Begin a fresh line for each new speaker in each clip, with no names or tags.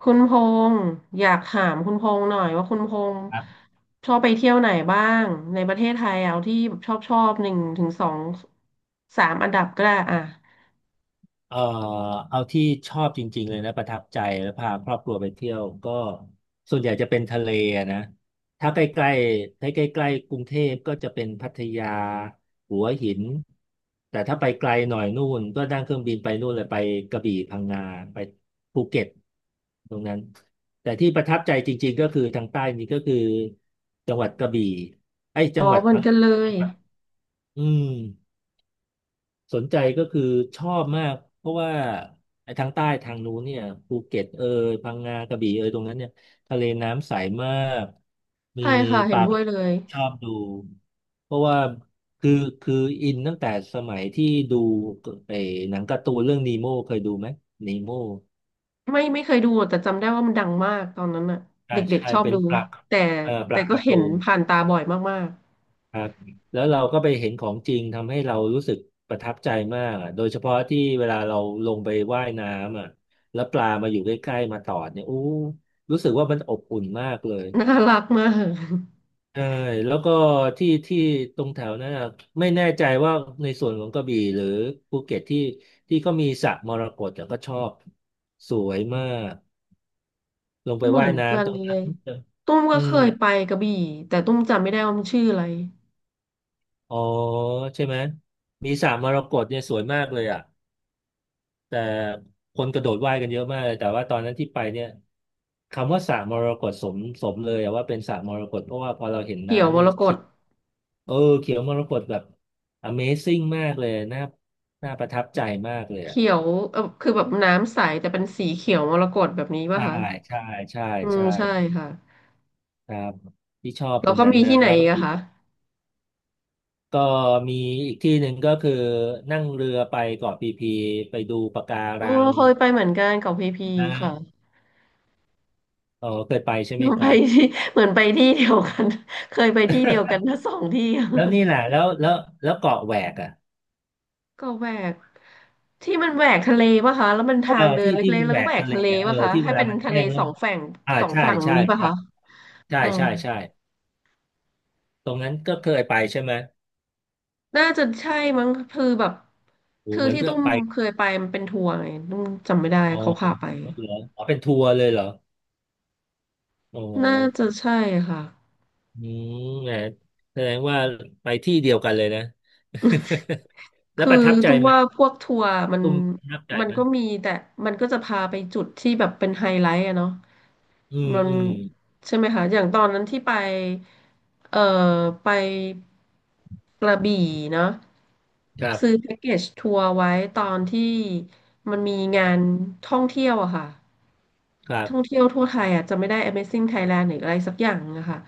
คุณพงษ์อยากถามคุณพงษ์หน่อยว่าคุณพงษ์
ครับ
ชอบไปเที่ยวไหนบ้างในประเทศไทยเอาที่แบบชอบชอบหนึ่งถึงสองสามอันดับก็ได้อ่ะ
เอ่อเอาที่ชอบจริงๆเลยนะประทับใจแล้วพาครอบครัวไปเที่ยวก็ส่วนใหญ่จะเป็นทะเลอะนะถ้าใกล้ๆถ้าใกล้ๆกรุงเทพก็จะเป็นพัทยาหัวหินแต่ถ้าไปไกลหน่อยนู่นก็นั่งเครื่องบินไปนู่นเลยไปกระบี่พังงาไปภูเก็ตตรงนั้นแต่ที่ประทับใจจริงๆก็คือทางใต้นี้ก็คือจังหวัดกระบี่ไอ้ย
อ๋
จั
อ
งหวัด
เหมือน
พัง
กันเล
จั
ย
งหวัดอืม สนใจก็คือชอบมากเพราะว่าไอ้ทางใต้ทางนู้นเนี่ยภูเก็ตเอยพังงากระบี่เอยตรงนั้นเนี่ยทะเลน้ำใสมากมี
ใช่ค่ะ
ป
เห็น
ลา
ด้วยเลย
ชอบดูเพราะว่าคือคืออินตั้งแต่สมัยที่ดูไอ้หนังการ์ตูนเรื่องนีโม่เคยดูไหมนีโม่
ไม่เคยดูแต่จำได้ว่ามันดังมากตอนนั้นน่ะ
ใช่
เด็ก
ใช่
ๆชอบ
เป็น
ดู
ปลา
แต่
ป
แต่
ลา
ก็
การ์
เห็น
ตูน
ผ่านตาบ่อยมาก
ครับแล้วเราก็ไปเห็นของจริงทำให้เรารู้สึกประทับใจมากอะโดยเฉพาะที่เวลาเราลงไปว่ายน้ำอ่ะแล้วปลามาอยู่ใกล้ๆมาตอดเนี่ยอู้รู้สึกว่ามันอบอุ่นมากเลย
ๆน่ารักมาก
ใช่แล้วก็ที่ที่ตรงแถวนั้นอะไม่แน่ใจว่าในส่วนของกระบี่หรือภูเก็ตที่ที่ก็มีสระมรกตแต่ก็ชอบสวยมากลงไป
เหมื
ว่า
อ
ย
นกั
น้ำ
น
ตรง
เล
นั้น
ยตุ้ม
อื
ก็เค
ม
ยไปกระบี่แต่ตุ้มจำไม่ได้ว่ามันชื่ออะไร
อ๋อใช่ไหมมีสระมรกตเนี่ยสวยมากเลยอ่ะ แต่คนกระโดดว่ายกันเยอะมากเลยแต่ว่าตอนนั้นที่ไปเนี่ยคำว่าสระมรกตสมสมเลยอะว่าเป็นสระมรกตเพราะว่าพอเราเห็น
เขียวม
น้ำนี่
รก
เขี
ต
เออเขียวมรกตแบบ Amazing มากเลยน่าน่าประทับใจมากเลยอะ
เขียวเออคือแบบน้ำใสแต่เป็นสีเขียวมรกตแบบนี้ป่ะ
ใช่
คะ
ใช่ใช่
อืม
ใช่
ใช่ค่ะ
ครับที่ชอบต
แล้
ร
ว
ง
ก็
นั้น
มี
นะ
ที่ไหน
แล้ว
อี
ก็
กอะ
อีก
คะ
ก็มีอีกที่หนึ่งก็คือนั่งเรือไปเกาะพีพีไปดูปะกา
โอ้
รัง
เคยไปเหมือนกันกับพีพีค่ะ
นะอ๋อเคยไปใช่ไหมค
ไป
รับ
ที่เหมือนไปที่เดียวกัน เคยไปที่เดียวกันทั้งสองที่
แล้วนี่แหละแล้วแล้วแล้วเกาะแหวกอ่ะ
ก็แหวกที่มันแหวกทะเลป่ะคะแล้วมัน
เอ
ทา
อ
งเดิน
ที่ที่
เล็ก
มั
ๆ
น
แล้ว
แหว
ก็แห
ก
วก
ทะเล
ทะเล
อะเออ
ป่ะคะ
ที่เว
ให้
ลา
เป็น
มัน
ทะ
แห้
เล
งแล้
ส
ว
อง
มัน
ฝั่ง
อ่า
สอง
ใช่
ฝั่ง
ใช่
นี้ป่ะ
ใช่
คะ
ใช่
เออ
ใช่ใช่ตรงนั้นก็เคยไปใช่ไหม
น่าจะใช่มั้งคือแบบ
โอ้
คือ
เหมือน
ที่
เพื่อ
ตุ้
น
ม
ไป
เคยไปมันเป็นทัวร์ไงตุ้มจำไม่ได้
อ๋อ
เขาพาไป
เหรออ๋อเป็นทัวร์เลยเหรอโอ้โห
น่าจะใช่ค่ะ
อืมแหมแสดงว่าไปที่เดียวกันเลยนะ แล้ว
คือ
ประทับใจ
ตุ้ม
ไหม
ว่าพวกทัวร์มัน
ตุ้มประทับใจ
มัน
ไหม
ก็มีแต่มันก็จะพาไปจุดที่แบบเป็นไฮไลท์อะเนาะ
อืม
มัน
อืม
ใช่ไหมคะอย่างตอนนั้นที่ไปเอ่อไปกระบี่เนาะ
ครั
ซื้อ
บ
แพ็กเกจทัวร์ไว้ตอนที่มันมีงานท่องเที่ยวอะค่ะ
ครั
ท่อง
บ
เที่ยวทั่วไทยอ่ะจะไม่ได้ Amazing Thailand หรืออะไรสักอย่างนะคะ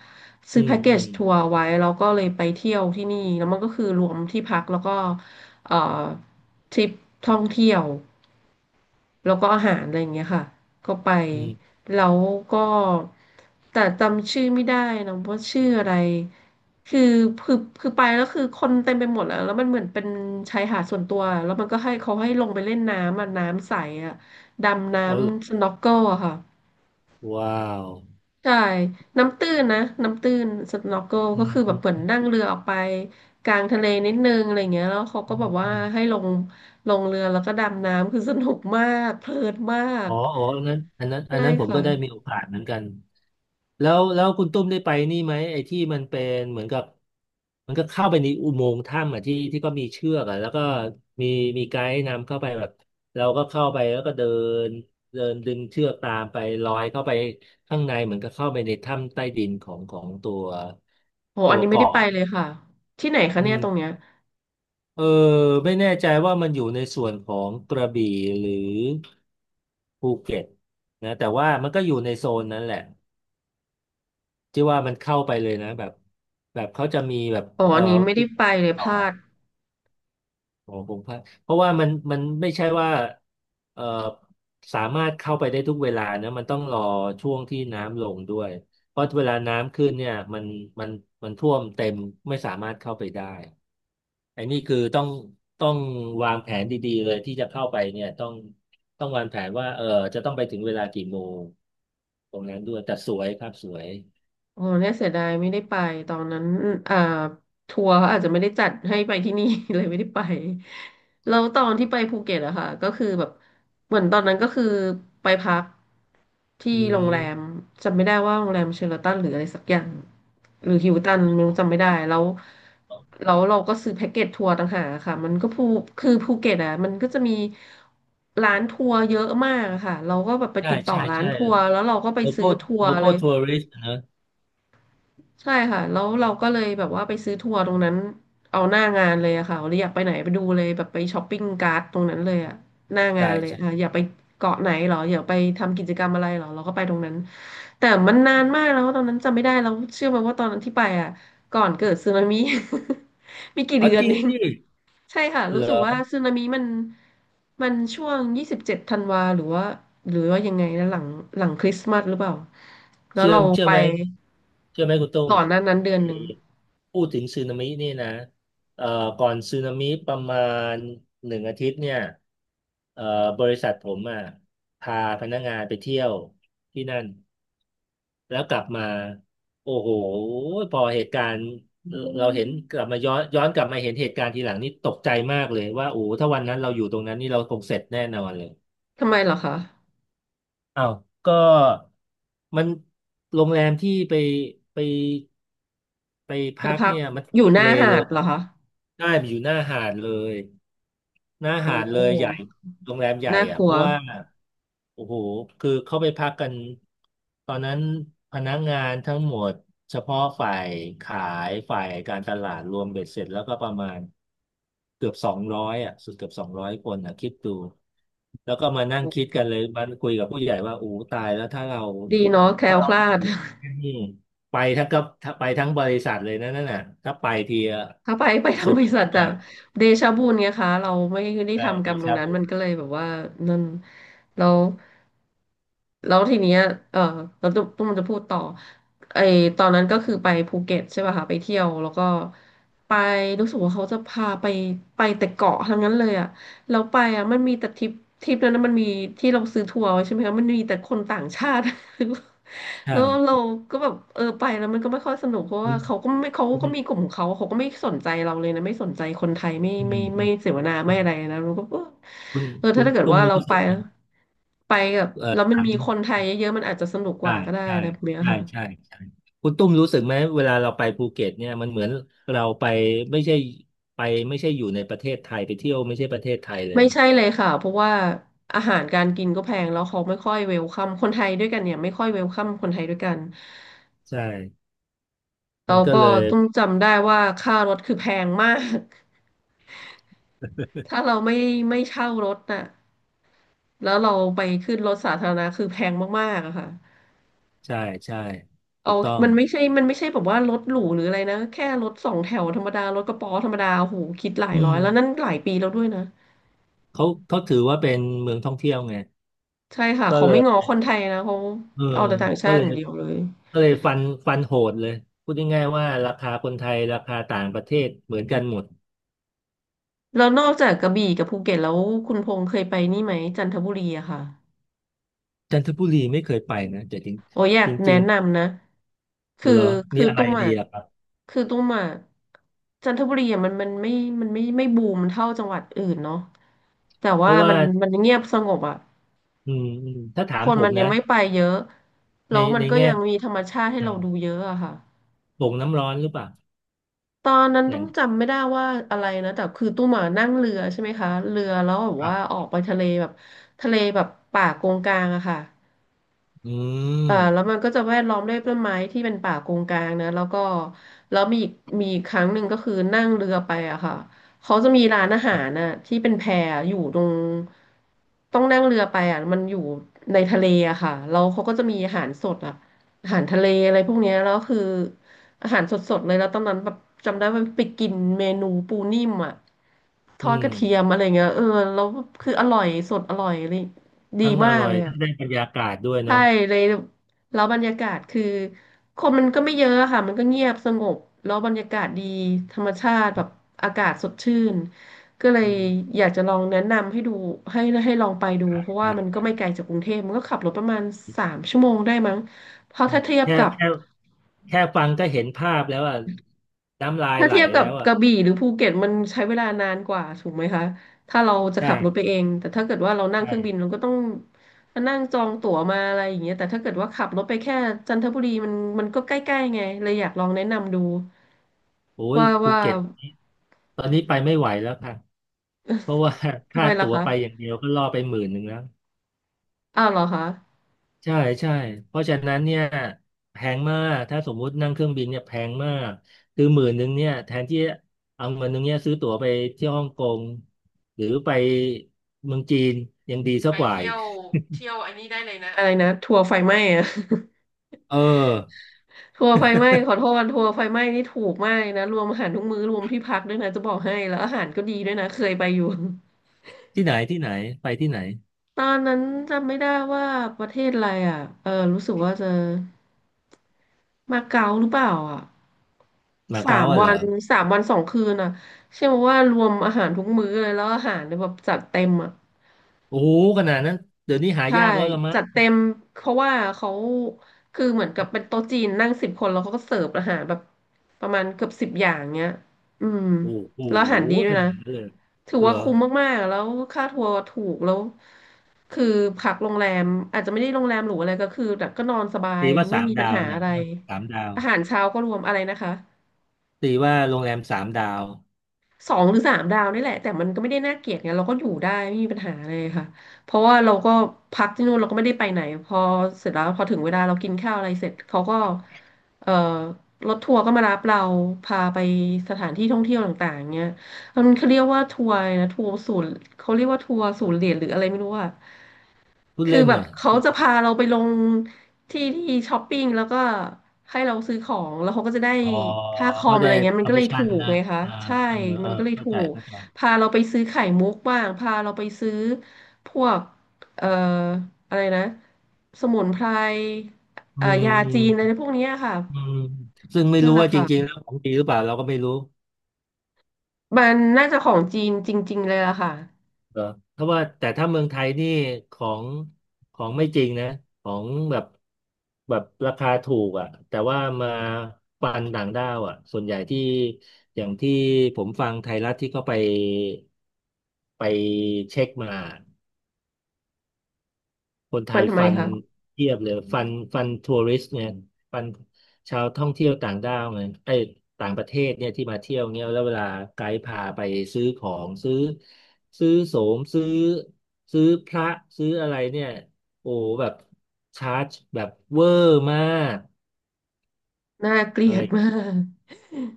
อื
ซื้อ
ม
แพ็กเก
อื
จ
ม
ทัวร์ไว้แล้วก็เลยไปเที่ยวที่นี่แล้วมันก็คือรวมที่พักแล้วก็เอ่อทริปท่องเที่ยวแล้วก็อาหารอะไรอย่างเงี้ยค่ะก็ไป
อืม
แล้วก็แต่จำชื่อไม่ได้นะว่าชื่ออะไรคือคือคือไปแล้วคือคนเต็มไปหมดแล้วมันเหมือนเป็นชายหาดส่วนตัวแล้วมันก็ให้เขาให้ลงไปเล่นน้ำอ่ะน้ำใสอ่ะดำน้ำ
โอ้
สน็อกเกิลอะค่ะ
ว้าว
ใช่ น้ำตื้นนะน้ำตื้นสน็อกเกิล
อื
ก็
ม
คือแบ
อื
บเหมือน
ม
นั่งเรือออกไปกลางทะเลนิดนึงอะไรเงี้ยแล้วเขาก็
อื
แบ
ม
บ
อื
ว่า
ม
ให้ลงเรือแล้วก็ดำน้ำคือสนุกมากเพลินมาก
อ๋ออ๋ออันนั้นอันนั้นอัน
ใช่
นั้นผม
ค่ะ
ก็ได้มีโอกาสเหมือนกัน แล้วคุณตุ้มได้ไปนี่ไหมไอ้ที่มันเป็นเหมือนกับมันก็เข้าไปในอุโมงค์ถ้ำอ่ะที่ที่ก็มีเชือกอ่ะแล้วก็มีมีไกด์นำเข้าไปแบบเราก็เข้าไปแล้วก็เดินเดินดึงเชือกตามไปลอยเข้าไปข้างในเหมือนกับเข้าไปในถ้ำใต้ดินของตัว
โห
ตั
อัน
ว
นี้ไม่ได้
เกาะ
ไป
อ่ะ
เลยค่ะที่ไหนคะ
อื
เนี่ยตรงเนี้ย
มเออไม่แน่ใจว่ามันอยู่ในส่วนของกระบี่หรือภูเก็ตนะแต่ว่ามันก็อยู่ในโซนนั้นแหละ ที่ว่ามันเข้าไปเลยนะแบบแบบเขาจะมีแบบ
อ๋ออันนี้ไม่ได้ไปเลย
ต่
พ
อ
ลาด
ของพงษ์พัฒน์เพราะว่ามันไม่ใช่ว่าเอ่อสามารถเข้าไปได้ทุกเวลานะมันต้องรอช่วงที่น้ำลงด้วยเพราะเวลาน้ำขึ้นเนี่ยมันมันท่วมเต็มไม่สามารถเข้าไปได้ไอ้นี่คือต้องวางแผนดีๆเลยที่จะเข้าไปเนี่ยต้องวางแผนว่าเออจะต้องไปถึงเวลากี่โมงตรงนั้นด้วยแต่สวยครับสวย
โอ้เนี่ยเสียดายไม่ได้ไปตอนนั้นอ่าทัวร์เขาอาจจะไม่ได้จัดให้ไปที่นี่ เลยไม่ได้ไปแล้วตอนที่ไปภูเก็ตอะค่ะก็คือแบบเหมือนตอนนั้นก็คือไปพักที่
อื
โรงแรม
ม
จำไม่ได้ว่าโรงแรมเชอราตันหรืออะไรสักอย่างหรือฮิลตันไม่รู้จำไม่ได้แล้วแล้วเราก็ซื้อแพ็กเกจทัวร์ต่างหากอะค่ะมันก็คือภูเก็ตอะมันก็จะมีร้านทัวร์เยอะมากอะค่ะเราก็แบบไป
ใช่
ติดต่อ
ใช่
ร้าน
ใช่
ทัวร์แล้วเราก็ไป
โลค
ซื้
อ
อ
ล
ทัว
โล
ร์
ค
เล
อล
ย
ทัวริสต์นะ
ใช่ค่ะแล้วเราก็เลยแบบว่าไปซื้อทัวร์ตรงนั้นเอาหน้างานเลยอะค่ะเราอยากไปไหนไปดูเลยแบบไปช้อปปิ้งการ์ดตรงนั้นเลยอะหน้างา
ใช่
นเลยอะ
ใช่
อยากไปเกาะไหนเหรออยากไปทำกิจกรรมอะไรเหรอเราก็ไปตรงนั้นแต่มันนานมากแล้วตอนนั้นจำไม่ได้แล้วเชื่อไหมว่าตอนนั้นที่ไปอะก่อนเกิดสึนามิ ไมีกี่
อ๋อ
เดือน
จริง
เอง
ดิ
ใช่ค่ะ
เห
รู้
ร
สึกว่า
อ
สึนามิมันช่วง27ธันวาหรือว่ายังไงนะหลังคริสต์มาสหรือเปล่าแล้ว
เชื่อ
เรา
เชื่อ
ไป
ไหมเชื่อไหมคุณตุ้ม
ก่อนหน้านั้นเดือน
มี
หนึ่ง
พูดถึงสึนามินี่นะเอ่อก่อนสึนามิประมาณหนึ่งอาทิตย์เนี่ยเอ่อบริษัทผมอ่ะพาพนักงานไปเที่ยวที่นั่น แล้วกลับมาโอ้โหพอเหตุการณ์เออเราเห็นกลับมาย้อนกลับมาเห็นเหตุการณ์ทีหลังนี่ตกใจมากเลยว่าโอ้โหถ้าวันนั้นเราอยู่ตรงนั้นนี่เราคงเสร็จแน่นอนเลย
ทำไมเหรอคะ
อ้าวก็มันโรงแรมที่ไปไปไป
ไป
พัก
พัก
เนี่ยมัน
อยู่หน้า
เลเล
หา
ย
ดเหรอคะ
ได้ไปอยู่หน้าหาดเลยหน้า
โอ้
หาดเลยใหญ่โรงแรมใหญ่
น่าก
อ่ะเพ
ลัว
ราะว่า โอ้โหคือเข้าไปพักกันตอนนั้นพนักงานทั้งหมดเฉพาะฝ่ายขายฝ่ายการตลาดรวมเบ็ดเสร็จแล้วก็ประมาณเกือบสองร้อยอ่ะสุดเกือบสองร้อยคนอ่ะคิดดูแล้วก็มานั่งคิดกันเลยมันคุยกับผู้ใหญ่ว่าโอ้ตายแล้ว
ดีเนาะแคล้
ถ้า
ว
เรา
ค
อ
ลาด
ยู่ ที่นี่ไปทั้งกับถ้าไปทั้งบริษัทเลยนะนั่นน่ะถ้าไปทีอะ
ถ้าไปทาง
สุด
บริษัทจะ
มาก
เดชะบุญไงคะเราไม่ได้
ใช่
ทำกร
ดี
รมตรง
ชา
นั้น
บู
มันก็เลยแบบว่านั่นแล้วแล้วทีเนี้ยเออเราตุ้มจะพูดต่อไอตอนนั้นก็คือไปภูเก็ตใช่ป่ะคะไปเที่ยวแล้วก็ไปรู้สึกว่าเขาจะพาไปแต่เกาะทั้งนั้นเลยอะ เราไปอ่ะมันมีแต่ทริปนั้นนะมันมีที่เราซื้อทัวร์ไว้ใช่ไหมคะมันมีแต่คนต่างชาติ
ใช
แล้วเรา
่
ก็แบบเออไปแล้วมันก็ไม่ค่อยสนุกเพราะ
คุ
ว่า
ณ
เขา
คุณ
ก็มีกลุ่มของเขาเขาก็ไม่สนใจเราเลยนะไม่สนใจคนไทยไม่
อื
ไม่
ม
ไม่เสวนา
อื
ไม่
ม
อะไรนะเราก็
คุณคุ
ถ้า
ณ
ถ้าเกิด
ตุ้ม
ว่าเรา
รู้
ไป
สึกไหม
ไปกับแล้วมัน
ถาม
มีคนไทยเยอะๆมันอาจจะสนุกก
ใช่
ว่าก็ได้
ใช่
นะแบบเนี้ย
ใช่
ค่ะ
ใช่ใช่คุณตุ้มรู้สึกไหมเวลาเราไปภูเก็ตเนี่ยมันเหมือนเราไปไม่ใช่ไปไม่ใช่อยู่ในประเทศไทยไปเที่ยวไม่ใช่ประเทศไทยเลย
ไม่
นะ
ใช่เลยค่ะเพราะว่าอาหารการกินก็แพงแล้วเขาไม่ค่อยเวลคัมคนไทยด้วยกันเนี่ยไม่ค่อยเวลคัมคนไทยด้วยกัน
ใช่มั
เรา
นก็
ก็
เลย
ต้องจำได้ว่าค่ารถคือแพงมาก ถ้าเราไม่เช่ารถน่ะแล้วเราไปขึ้นรถสาธารณะคือแพงมากๆอะค่ะ
ใช่ใช่ถู
เอา
กต้อง
มันไม่ใช่แบบว่ารถหรูหรืออะไรนะแค่รถสองแถวธรรมดารถกระป๋อธรรมดาโอ้โหคิดหลาย
อื
ร้อ
ม
ยแล้วนั่นหลายปีแล้วด้วยนะ
เขาถือว่าเป็นเมืองท่องเที่ยวไง
ใช่ค่ะ
ก็
เขา
เล
ไม่ง้อ
ย
คนไทยนะเขา
เออ
เอาแต่ต่างชา
ก็
ติ
เล
อ
ย
ย่างเดียวเลย
ฟันโหดเลยพูดง่ายๆว่าราคาคนไทยราคาต่างประเทศเหมือนกันหมด
แล้วนอกจากกระบี่กับภูเก็ตแล้วคุณพงษ์เคยไปนี่ไหมจันทบุรีอะค่ะ
จันทบุรีไม่เคยไปนะแต่จริ
โอ้ยอยาก
งจ
แนะ
ริง
นำนะคือ
เหรอมี
คือ
อะไร
ตุ้ม
ดี
อ่ะ
อะครับ
คือตุ้มอ่ะจันทบุรีอ่ะมันไม่บูมเท่าจังหวัดอื่นเนาะแต่
เพ
ว่า
ราะ
มั
ว่า
นมันเงียบสงบอ่ะ
ถ้าถา
ค
ม
น
ผ
มั
ม
นยั
นะ
งไม่ไปเยอะ
ใน
แล้วมั
ใน
นก็
แง่
ยังมีธรรมชาติให้
อื
เราดูเยอะอะค่ะ
โป่งน้ำร้อนหรือเปล่า
ตอนนั้น
แห
ต้
ล่
อง
ง
จำไม่ได้ว่าอะไรนะแต่คือตุ้หมอ่ะนั่งเรือใช่ไหมคะเรือแล้วแบบ
ครั
ว่า
บ
ออกไปทะเลแบบทะเลแบบป่ากงกลางอะค่ะ
อื
แล้ว
ม
มันก็จะแวดล้อมด้วยต้นไม้ที่เป็นป่าโกงกางนะแล้วก็แล้วมีอีกครั้งหนึ่งก็คือนั่งเรือไปอะค่ะเขาจะมีร้านอา
ค
หา
รั
ร
บ
น่ะที่เป็นแพอยู่ตรงต้องนั่งเรือไปอะมันอยู่ในทะเลอะค่ะแล้วเขาก็จะมีอาหารสดอะอาหารทะเลอะไรพวกเนี้ยแล้วคืออาหารสดๆเลยแล้วตอนนั้นแบบจำได้ว่าไปกินเมนูปูนิ่มอะท
อื
อดก
ม
ระเทียมอะไรเงี้ยเออแล้วคืออร่อยสดอร่อยเลยดี
ทั้งอ
มาก
ร่อ
เล
ย
ยอะ
ทั้งได้บรรยากาศด้วย
ใช่
เนาะ
เลย แล้วบรรยากาศคือคนมันก็ไม่เยอะค่ะมันก็เงียบสงบแล้วบรรยากาศดีธรรมชาติแบบอากาศสดชื่นก็เลย
อืม
อยากจะลองแนะนำให้ดูให้ลองไปดู
ได้
เพราะว่า
ได้
มันก็ไม่ไกล
ได
จากกรุงเทพมันก็ขับรถประมาณ3 ชั่วโมงได้มั้งเพราะ
้
ถ้าเทียบ
แค่
กับ
แค่แค่ฟังก็เห็นภาพแล้วอ่ะน้ำลาย
ถ้า
ไหล
เทียบกั
แล้
บ
ว
ก
อ่ะ
ระบี่หรือภูเก็ตมันใช้เวลานานกว่าถูกไหมคะถ้าเราจะขับรถ
ใช่
ไปเองแต่ถ้าเกิดว่าเรานั่ง
ใช่
เครื่องบินเราก็ต้องมานั่งจองตั๋วมาอะไรอย่างเงี้ยแต่ถ้าเกิดว่าขับรถไปแค่จันทบุรีมันก็ใกล้ๆไงเลยอยากลองแนะนำดู
โอ้ย
ว่า
ภู
ว่า
เก็ตตอนนี้ไปไม่ไหวแล้วค่ะเพราะว่า
ทำ
ค่า
ไมล่ะ
ตั๋ว
คะ
ไปอย่างเดียวก็ล่อไปหมื่นหนึ่งแล้ว
อ้าวเหรอคะ
ใช่ใช่เพราะฉะนั้นเนี่ยแพงมากถ้าสมมุตินั่งเครื่องบินเนี่ยแพงมากคือหมื่นหนึ่งเนี่ยแทนที่เอาเงินหนึ่งเนี่ยซื้อตั๋วไปเที่ยวฮ่องกงหรือไปเมืองจีนยังดีสั
ไป
กกว่า
เที่
อี
ย
ก
วเที่ยวอันนี้ได้เลยนะอะไรนะทัวร์ไฟไหม้อะ
เออ
ทัวร์ไฟไหม้ขอโทษทัวร์ไฟไหม้นี่ถูกมากนะรวมอาหารทุกมื้อรวมที่พักด้วยนะจะบอกให้แล้วอาหารก็ดีด้วยนะเคยไปอยู่
ที่ไหนที่ไหนไปที่ไหน
ตอนนั้นจำไม่ได้ว่าประเทศอะไรอ่ะ เออรู้สึกว่าจะมาเก๊าหรือเปล่าอ่ะ
มา
สา
เก๊า
ม
อะเหร
วั
อ
นสามวันสองคืนอ่ะเชื่อไหมว่ารวมอาหารทุกมื้อเลยแล้วอาหารเนี่ยแบบจัดเต็มอ่ะ
โอ้โหขนาดนั้นเดี๋ยวนี้หา
ใช่
ยากแล้วละมั้ง
จัดเต็มเพราะว่าเขาคือเหมือนกับเป็นโต๊ะจีนนั่ง10 คนแล้วเขาก็เสิร์ฟอาหารแบบประมาณเกือบ 10 อย่างเงี้ยอืม
โอ้โห
แล้วอาหารดีด้ว
ข
ย
นาด
นะ
นั้นเลย
ถือ
เหร
ว่า
อ
คุ้มมากๆแล้วค่าทัวร์ถูกแล้วคือพักโรงแรมอาจจะไม่ได้โรงแรมหรูอะไรก็คือแบบก็นอนสบาย
ตีว่า
ไม่
สาม
มีปัญ
ดาว
หาอะ
นะ
ไร
สามดาว
อาหารเช้าก็รวมอะไรนะคะ
ตีว่าโรงแรมสามดาว
2 หรือ 3 ดาวนี่แหละแต่มันก็ไม่ได้น่าเกลียดไงเราก็อยู่ได้ไม่มีปัญหาเลยค่ะเพราะว่าเราก็พักที่นู่นเราก็ไม่ได้ไปไหนพอเสร็จแล้วพอถึงเวลาเรากินข้าวอะไรเสร็จเขาก็เอ่อรถทัวร์ก็มารับเราพาไปสถานที่ท่องเที่ยวต่างๆเงี้ยมันเขาเรียกว่าทัวร์นะทัวร์ศูนย์เขาเรียกว่าทัวร์ศูนย์เหรียญหรืออะไรไม่รู้อะ
พูด
คือ
เล่น
แบบ
น่ะ
เขาจะพาเราไปลงที่ที่ช้อปปิ้งแล้วก็ให้เราซื้อของแล้วเขาก็จะได้
อ๋อ
ค่าคอ
เขา
มอะ
ได้
ไรเงี้ยมันก็เลยถู
permission
ก
นะ
ไงคะ
อ่า
ใช่
เออเอ
มั
อ
นก็เลย
เข้า
ถู
ใจ
ก
เข้าใจ
พาเราไปซื้อไข่มุกบ้างพาเราไปซื้อพวกเอ่ออะไรนะสมุนไพร
อืม
ยา
อื
จีนอะไร
ม
พวกเนี้ยค่ะ
อืมซึ่งไม่
นั่น
รู้
แหละ
ว่าจ
ค่ะ
ริงๆแล้วของจริงหรือเปล่าเราก็ไม่รู้
มันน่าจะของจีนจริงๆเลยล่ะค่ะ
เออเพราะว่าแต่ถ้าเมืองไทยนี่ของไม่จริงนะของแบบแบบราคาถูกอ่ะแต่ว่ามาปันต่างด้าวอ่ะส่วนใหญ่ที่อย่างที่ผมฟังไทยรัฐที่เขาไปไปเช็คมา คนไท
มัน
ย
ทำไม
ฟัน
คะ
เทียบเลยฟันทัวริสต์เนี่ยฟันชาวท่องเที่ยวต่างด้าวเนี่ยไอ้ยต่างประเทศเนี่ยที่มาเที่ยวเนี่ยแล้วเวลาไกด์พาไปซื้อของซื้อโสมซื้อพระซื้ออะไรเนี่ยโอ้แบบชาร์จแบบเวอร์มาก
น่าเกลี
อะ
ย
ไร
ดมาก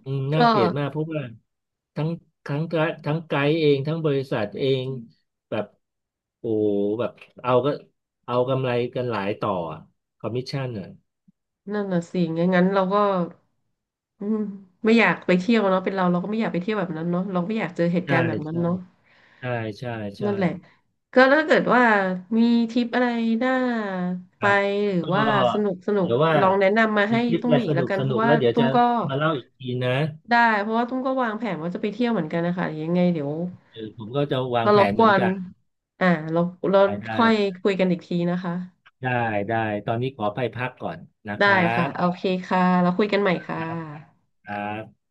อืม น่า
ก็
เกลียดมากเพราะว่าทั้งทั้งทั้งไกด์เองทั้งบริษัทเองแบบโอ้โหแบบเอาก็เอากำไรกันหลายต่อคอมมิชชั่นอ่ะ
นั่นน่ะสิงั้นเราก็ อืมไม่อยากไปเที่ยวเนาะเป็นเราเราก็ไม่อยากไปเที่ยวแบบนั้นเนาะเราไม่อยากเจอเหตุ
ใช่
การณ์แบบนั้น
ใช่
เนาะ
ใช่ใช่ใช่
นั่นแหละก็ถ้าเกิดว่ามีทริปอะไรน่า
ค
ไป
รับ
หรือ
ก็
ว่าสนุกสนุก
เดี๋ยวว่า
ลองแนะนำมา
มี
ให้
ทริป
ตุ้
อะ
ม
ไร
อี
ส
กแล้
นุ
ว
ก
กัน
ส
เพ
นุ
ราะ
ก
ว่า
แล้วเดี๋ยว
ตุ้
จะ
มก็
มาเล่าอีกทีนะ
ได้เพราะว่าตุ้มก็วางแผนว่าจะไปเที่ยวเหมือนกันนะคะยังไงเดี๋ยว
เออผมก็จะวาง
ก็
แผ
รบ
น
ก
เหมื
ว
อน
น
กัน
อ่าเราเรา
ได้ได้
ค่อยคุยกันอีกทีนะคะ
ได้ได้ตอนนี้ขอไปพักก่อนนะค
ได้
รั
ค่ะ
บ
โอเคค่ะเราคุยกันใหม่
ค
ค่ะ
รับครับ